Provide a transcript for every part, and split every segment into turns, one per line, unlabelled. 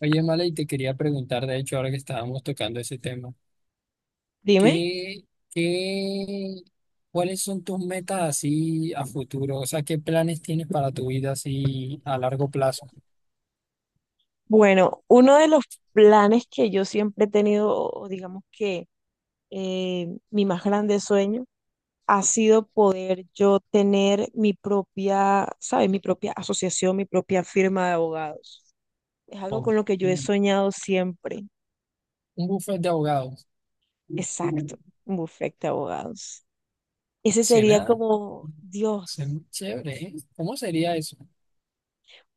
Oye, Mala, y te quería preguntar, de hecho, ahora que estábamos tocando ese tema,
Dime.
¿qué, qué, cuáles son tus metas así a futuro? O sea, ¿qué planes tienes para tu vida así a largo plazo?
Bueno, uno de los planes que yo siempre he tenido, o digamos que mi más grande sueño, ha sido poder yo tener mi propia, ¿sabes? Mi propia asociación, mi propia firma de abogados. Es algo
Oh,
con lo que yo he
un
soñado siempre.
Un buffet de abogados,
Exacto, un bufete de abogados. Ese sería
cena,
como, Dios.
cena chévere, ¿eh? ¿Cómo sería eso?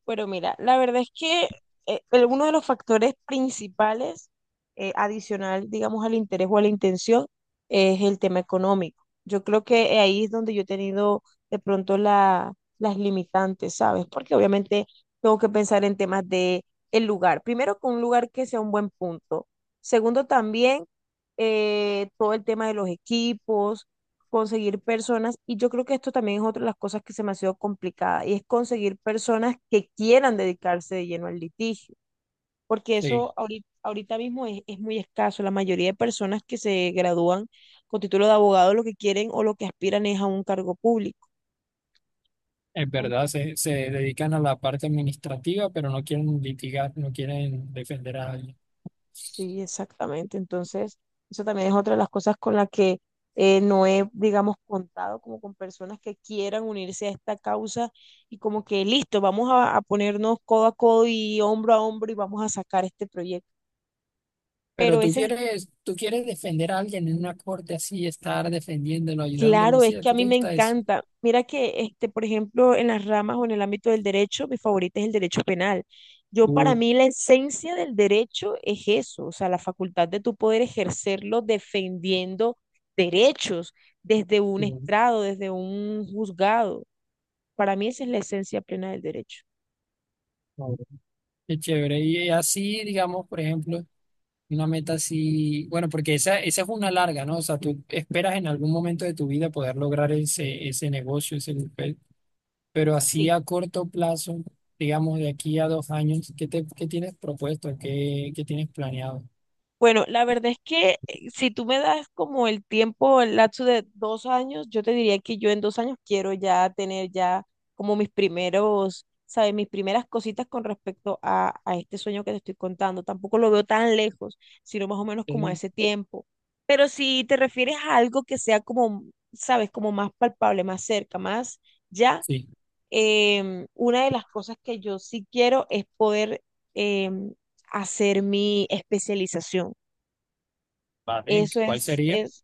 Pero mira, la verdad es que uno de los factores principales adicional, digamos, al interés o a la intención es el tema económico. Yo creo que ahí es donde yo he tenido de pronto la- las limitantes, ¿sabes? Porque obviamente tengo que pensar en temas de el lugar. Primero, con un lugar que sea un buen punto. Segundo, también todo el tema de los equipos, conseguir personas, y yo creo que esto también es otra de las cosas que se me ha sido complicada, y es conseguir personas que quieran dedicarse de lleno al litigio, porque
Sí,
eso ahorita, ahorita mismo es muy escaso. La mayoría de personas que se gradúan con título de abogado lo que quieren o lo que aspiran es a un cargo público.
es verdad,
Entonces,
se dedican a la parte administrativa, pero no quieren litigar, no quieren defender a alguien.
sí, exactamente. Entonces, eso también es otra de las cosas con las que no he, digamos, contado como con personas que quieran unirse a esta causa y como que listo, vamos a ponernos codo a codo y hombro a hombro y vamos a sacar este proyecto.
Pero
Pero
tú
ese,
quieres, tú quieres defender a alguien en una corte así, estar defendiéndolo, ayudándolo,
claro, es
así, ¿a
que a
ti
mí
te
me
gusta eso?
encanta. Mira que, este, por ejemplo, en las ramas o en el ámbito del derecho, mi favorita es el derecho penal. Yo, para
Uh,
mí, la esencia del derecho es eso, o sea, la facultad de tu poder ejercerlo defendiendo derechos desde un
sí,
estrado, desde un juzgado. Para mí, esa es la esencia plena del derecho.
claro. Qué chévere. Y así, digamos, por ejemplo, una meta así, bueno, porque esa es una larga, ¿no? O sea, tú esperas en algún momento de tu vida poder lograr ese negocio, ese papel, pero así
Sí.
a corto plazo, digamos, de aquí a dos años, ¿qué tienes propuesto? ¿Qué tienes planeado?
Bueno, la verdad es que si tú me das como el tiempo, el lapso de 2 años, yo te diría que yo en 2 años quiero ya tener ya como mis primeros, ¿sabes? Mis primeras cositas con respecto a este sueño que te estoy contando. Tampoco lo veo tan lejos, sino más o menos como a
Sí.
ese tiempo. Pero si te refieres a algo que sea como, ¿sabes? Como más palpable, más cerca, más ya,
Sí,
una de las cosas que yo sí quiero es poder... em, hacer mi especialización.
vale,
Eso
¿cuál sería?
es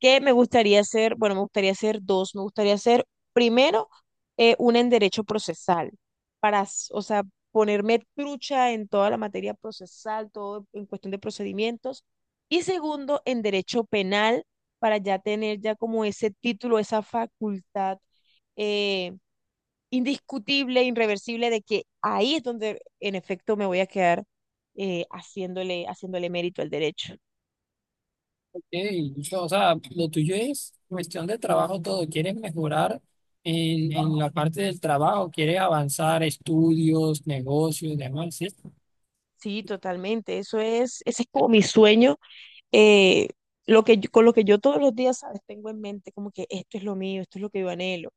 que me gustaría hacer, bueno, me gustaría hacer dos, me gustaría hacer primero una en derecho procesal, para, o sea, ponerme trucha en toda la materia procesal, todo en cuestión de procedimientos, y segundo en derecho penal, para ya tener ya como ese título, esa facultad eh, indiscutible, irreversible, de que ahí es donde en efecto me voy a quedar haciéndole mérito al derecho.
Sí, o sea, lo tuyo es cuestión de trabajo todo. Quieres mejorar en la parte del trabajo, quieres avanzar estudios, negocios, demás, ¿sí?
Sí, totalmente. Eso es, ese es como mi sueño, eh, lo que con lo que yo todos los días, ¿sabes? Tengo en mente como que esto es lo mío, esto es lo que yo anhelo.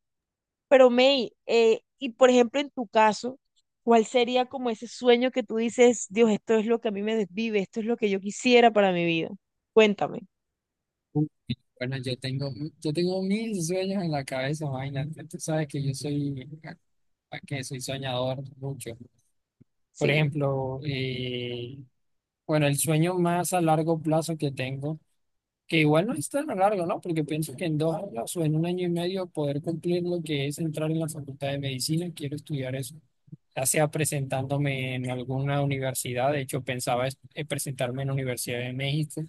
Pero May, y por ejemplo en tu caso, ¿cuál sería como ese sueño que tú dices, Dios, esto es lo que a mí me desvive, esto es lo que yo quisiera para mi vida? Cuéntame.
Uh, bueno, yo tengo mil sueños en la cabeza, imagínate. Tú sabes que que soy soñador mucho. Por
Sí.
ejemplo, bueno, el sueño más a largo plazo que tengo, que igual no es tan a largo, ¿no? Porque pienso que en dos años o en un año y medio poder cumplir lo que es entrar en la facultad de medicina, quiero estudiar eso, ya sea presentándome en alguna universidad. De hecho pensaba presentarme en la Universidad de México,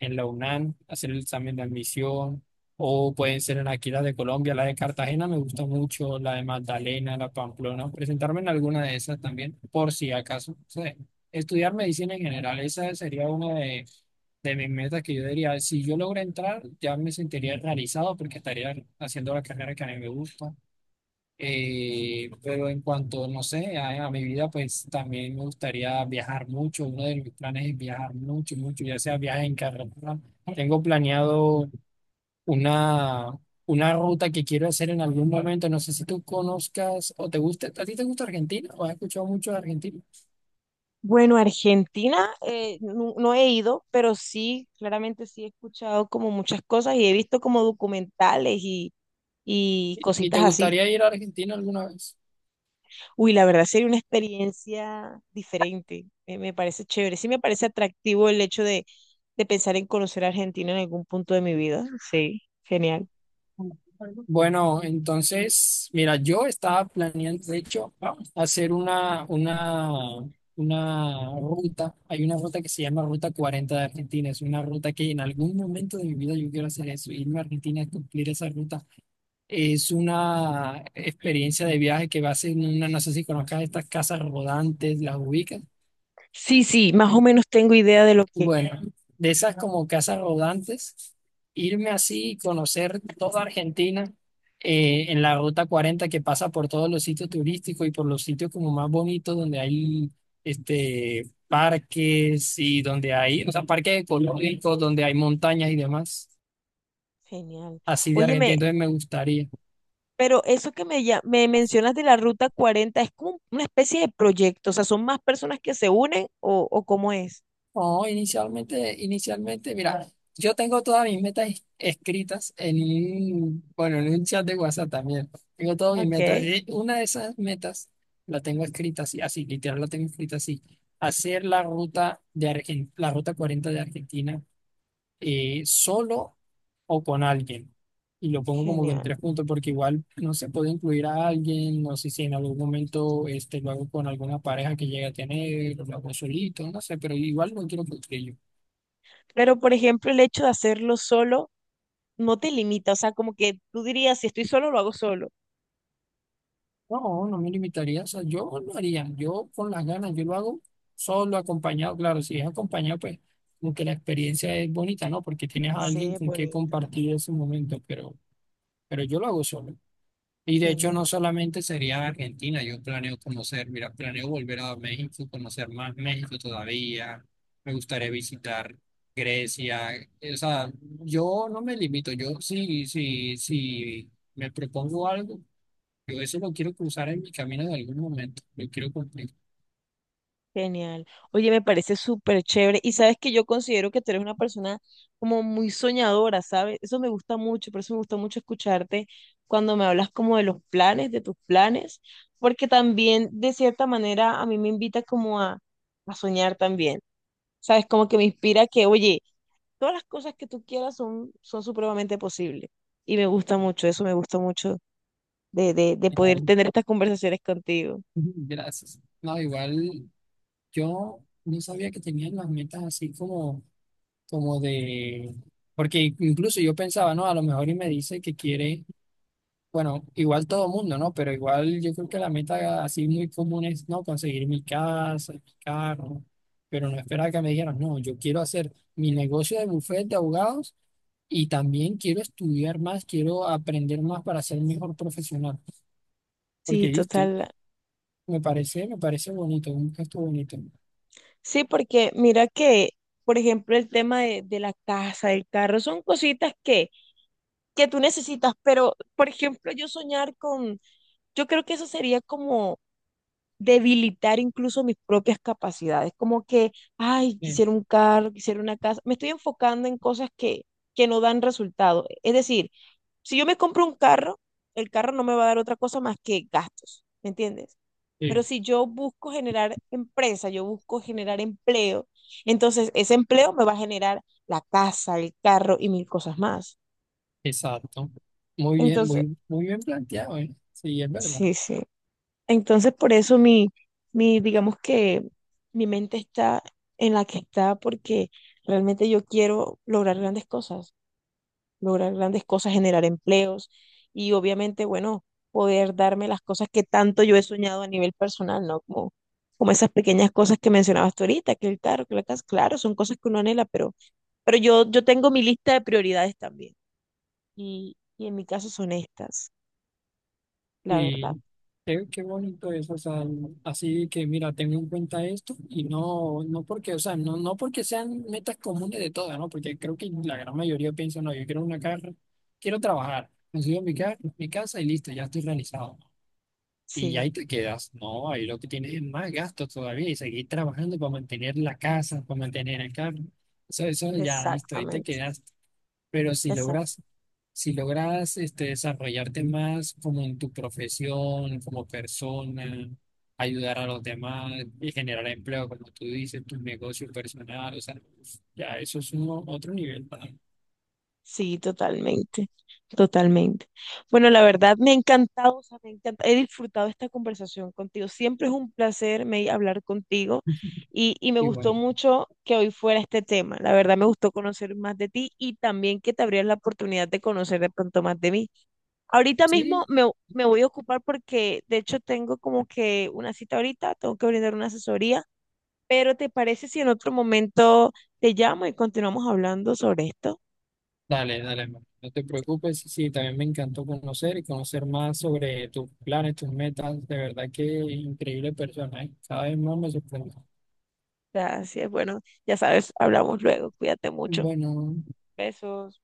en la UNAM, hacer el examen de admisión, o pueden ser en aquí las de Colombia, la de Cartagena me gusta mucho, la de Magdalena, la Pamplona, presentarme en alguna de esas también, por si acaso. O sea, estudiar medicina en general, esa sería una de mis metas que yo diría, si yo logro entrar, ya me sentiría realizado porque estaría haciendo la carrera que a mí me gusta. Pero en cuanto, no sé, a mi vida, pues también me gustaría viajar mucho. Uno de mis planes es viajar mucho, mucho, ya sea viaje en carretera. Tengo planeado una, una ruta que quiero hacer en algún momento. No sé si tú conozcas o te gusta, ¿a ti te gusta Argentina o has escuchado mucho de Argentina?
Bueno, Argentina no, he ido, pero sí, claramente sí he escuchado como muchas cosas y he visto como documentales y
¿Y te
cositas así.
gustaría ir a Argentina alguna vez?
Uy, la verdad sería una experiencia diferente. Me parece chévere. Sí me parece atractivo el hecho de pensar en conocer a Argentina en algún punto de mi vida. Sí, genial.
Bueno, entonces, mira, yo estaba planeando, de hecho, vamos a hacer una ruta. Hay una ruta que se llama Ruta Cuarenta de Argentina. Es una ruta que en algún momento de mi vida yo quiero hacer eso, irme a Argentina a cumplir esa ruta. Es una experiencia de viaje que va a ser una, no sé si conozcas estas casas rodantes, las ubicas.
Sí, sí, más o menos tengo idea de lo que...
Bueno, de esas como casas rodantes, irme así y conocer toda Argentina en la ruta cuarenta que pasa por todos los sitios turísticos y por los sitios como más bonitos donde hay este, parques y donde hay, o sea, parques ecológicos, donde hay montañas y demás,
Genial.
así de
Óyeme,
Argentina. Entonces me gustaría.
pero eso que me mencionas de la Ruta 40 es como una especie de proyecto. O sea, ¿son más personas que se unen o cómo es?
No, inicialmente, mira, yo tengo todas mis metas escritas en bueno, en un chat de WhatsApp también. Tengo todas mis metas.
Ok,
Y una de esas metas la tengo escrita literal la tengo escrita así. Hacer la ruta de la ruta 40 de Argentina, solo o con alguien. Y lo pongo como que en
genial.
tres puntos porque igual no se puede incluir a alguien, no sé si en algún momento este, lo hago con alguna pareja que llegue a tener, o lo hago solito, no sé, pero igual no quiero yo.
Pero, por ejemplo, el hecho de hacerlo solo no te limita. O sea, como que tú dirías, si estoy solo, lo hago solo.
No, no me limitaría, o sea, yo lo haría, yo con las ganas, yo lo hago solo, acompañado. Claro, si es acompañado, pues como que la experiencia es bonita, ¿no? Porque tienes a
Sí,
alguien
es
con quien
bonita.
compartir ese momento, pero yo lo hago solo. Y de hecho no
Genial,
solamente sería Argentina, yo planeo conocer, mira, planeo volver a México, conocer más México todavía, me gustaría visitar Grecia, o sea, yo no me limito, yo sí me propongo algo, yo eso lo quiero cruzar en mi camino de algún momento, lo quiero cumplir.
genial. Oye, me parece súper chévere. Y sabes que yo considero que tú eres una persona como muy soñadora, ¿sabes? Eso me gusta mucho, por eso me gusta mucho escucharte cuando me hablas como de los planes, de tus planes, porque también de cierta manera a mí me invita como a soñar también, ¿sabes? Como que me inspira que, oye, todas las cosas que tú quieras son, son supremamente posibles. Y me gusta mucho, eso me gusta mucho de poder
Ay,
tener estas conversaciones contigo.
gracias. No, igual yo no sabía que tenían las metas así como de, porque incluso yo pensaba, no, a lo mejor y me dice que quiere. Bueno, igual todo mundo, ¿no? Pero igual yo creo que la meta así muy común es, ¿no?, conseguir mi casa, mi carro, pero no esperar que me dijeran, no, yo quiero hacer mi negocio de bufete de abogados y también quiero estudiar más, quiero aprender más para ser mejor profesional. Porque
Sí,
listo,
total.
me parece bonito, un gesto bonito.
Sí, porque mira que, por ejemplo, el tema de la casa, del carro, son cositas que tú necesitas, pero, por ejemplo, yo soñar con, yo creo que eso sería como debilitar incluso mis propias capacidades, como que, ay,
Eh,
quisiera un carro, quisiera una casa, me estoy enfocando en cosas que no dan resultado. Es decir, si yo me compro un carro, el carro no me va a dar otra cosa más que gastos, ¿me entiendes?
eh,
Pero si yo busco generar empresa, yo busco generar empleo, entonces ese empleo me va a generar la casa, el carro y mil cosas más.
exacto. Muy bien,
Entonces,
muy bien planteado, ¿eh? Sí, es verdad.
sí, sí. Entonces por eso digamos que mi mente está en la que está porque realmente yo quiero lograr grandes cosas. Lograr grandes cosas, generar empleos y obviamente, bueno, poder darme las cosas que tanto yo he soñado a nivel personal, ¿no? Como, como esas pequeñas cosas que mencionabas tú ahorita, que el carro, que la casa, claro, son cosas que uno anhela, pero yo tengo mi lista de prioridades también y en mi caso son estas, la verdad.
Sí, qué bonito eso, o sea, así que mira, tengo en cuenta esto y no porque, o sea, no porque sean metas comunes de todas, ¿no? Porque creo que la gran mayoría piensa, no, yo quiero una carrera, quiero trabajar, consigo mi casa y listo, ya estoy realizado. Y ahí
Sí,
te quedas, no, ahí lo que tienes es más gastos todavía y seguir trabajando para mantener la casa, para mantener el carro. Eso ya, listo, ahí te
exactamente,
quedas, pero si
exactamente.
logras, si logras este, desarrollarte más como en tu profesión, como persona, ayudar a los demás y generar empleo, como tú dices, tu negocio personal, o sea, ya eso es otro nivel para mí.
Sí, totalmente, totalmente. Bueno, la verdad me ha encantado, o sea, he disfrutado esta conversación contigo. Siempre es un placer hablar contigo y me
Y
gustó
bueno,
mucho que hoy fuera este tema. La verdad me gustó conocer más de ti y también que te abrieras la oportunidad de conocer de pronto más de mí. Ahorita mismo
sí,
me voy a ocupar porque de hecho tengo como que una cita ahorita, tengo que brindar una asesoría, pero ¿te parece si en otro momento te llamo y continuamos hablando sobre esto?
dale, hermano, no te preocupes, sí, también me encantó conocer y conocer más sobre tus planes, tus metas, de verdad que increíble persona, ¿eh? Cada vez más me sorprende.
Gracias. Bueno, ya sabes, hablamos luego. Cuídate mucho.
Bueno.
Besos.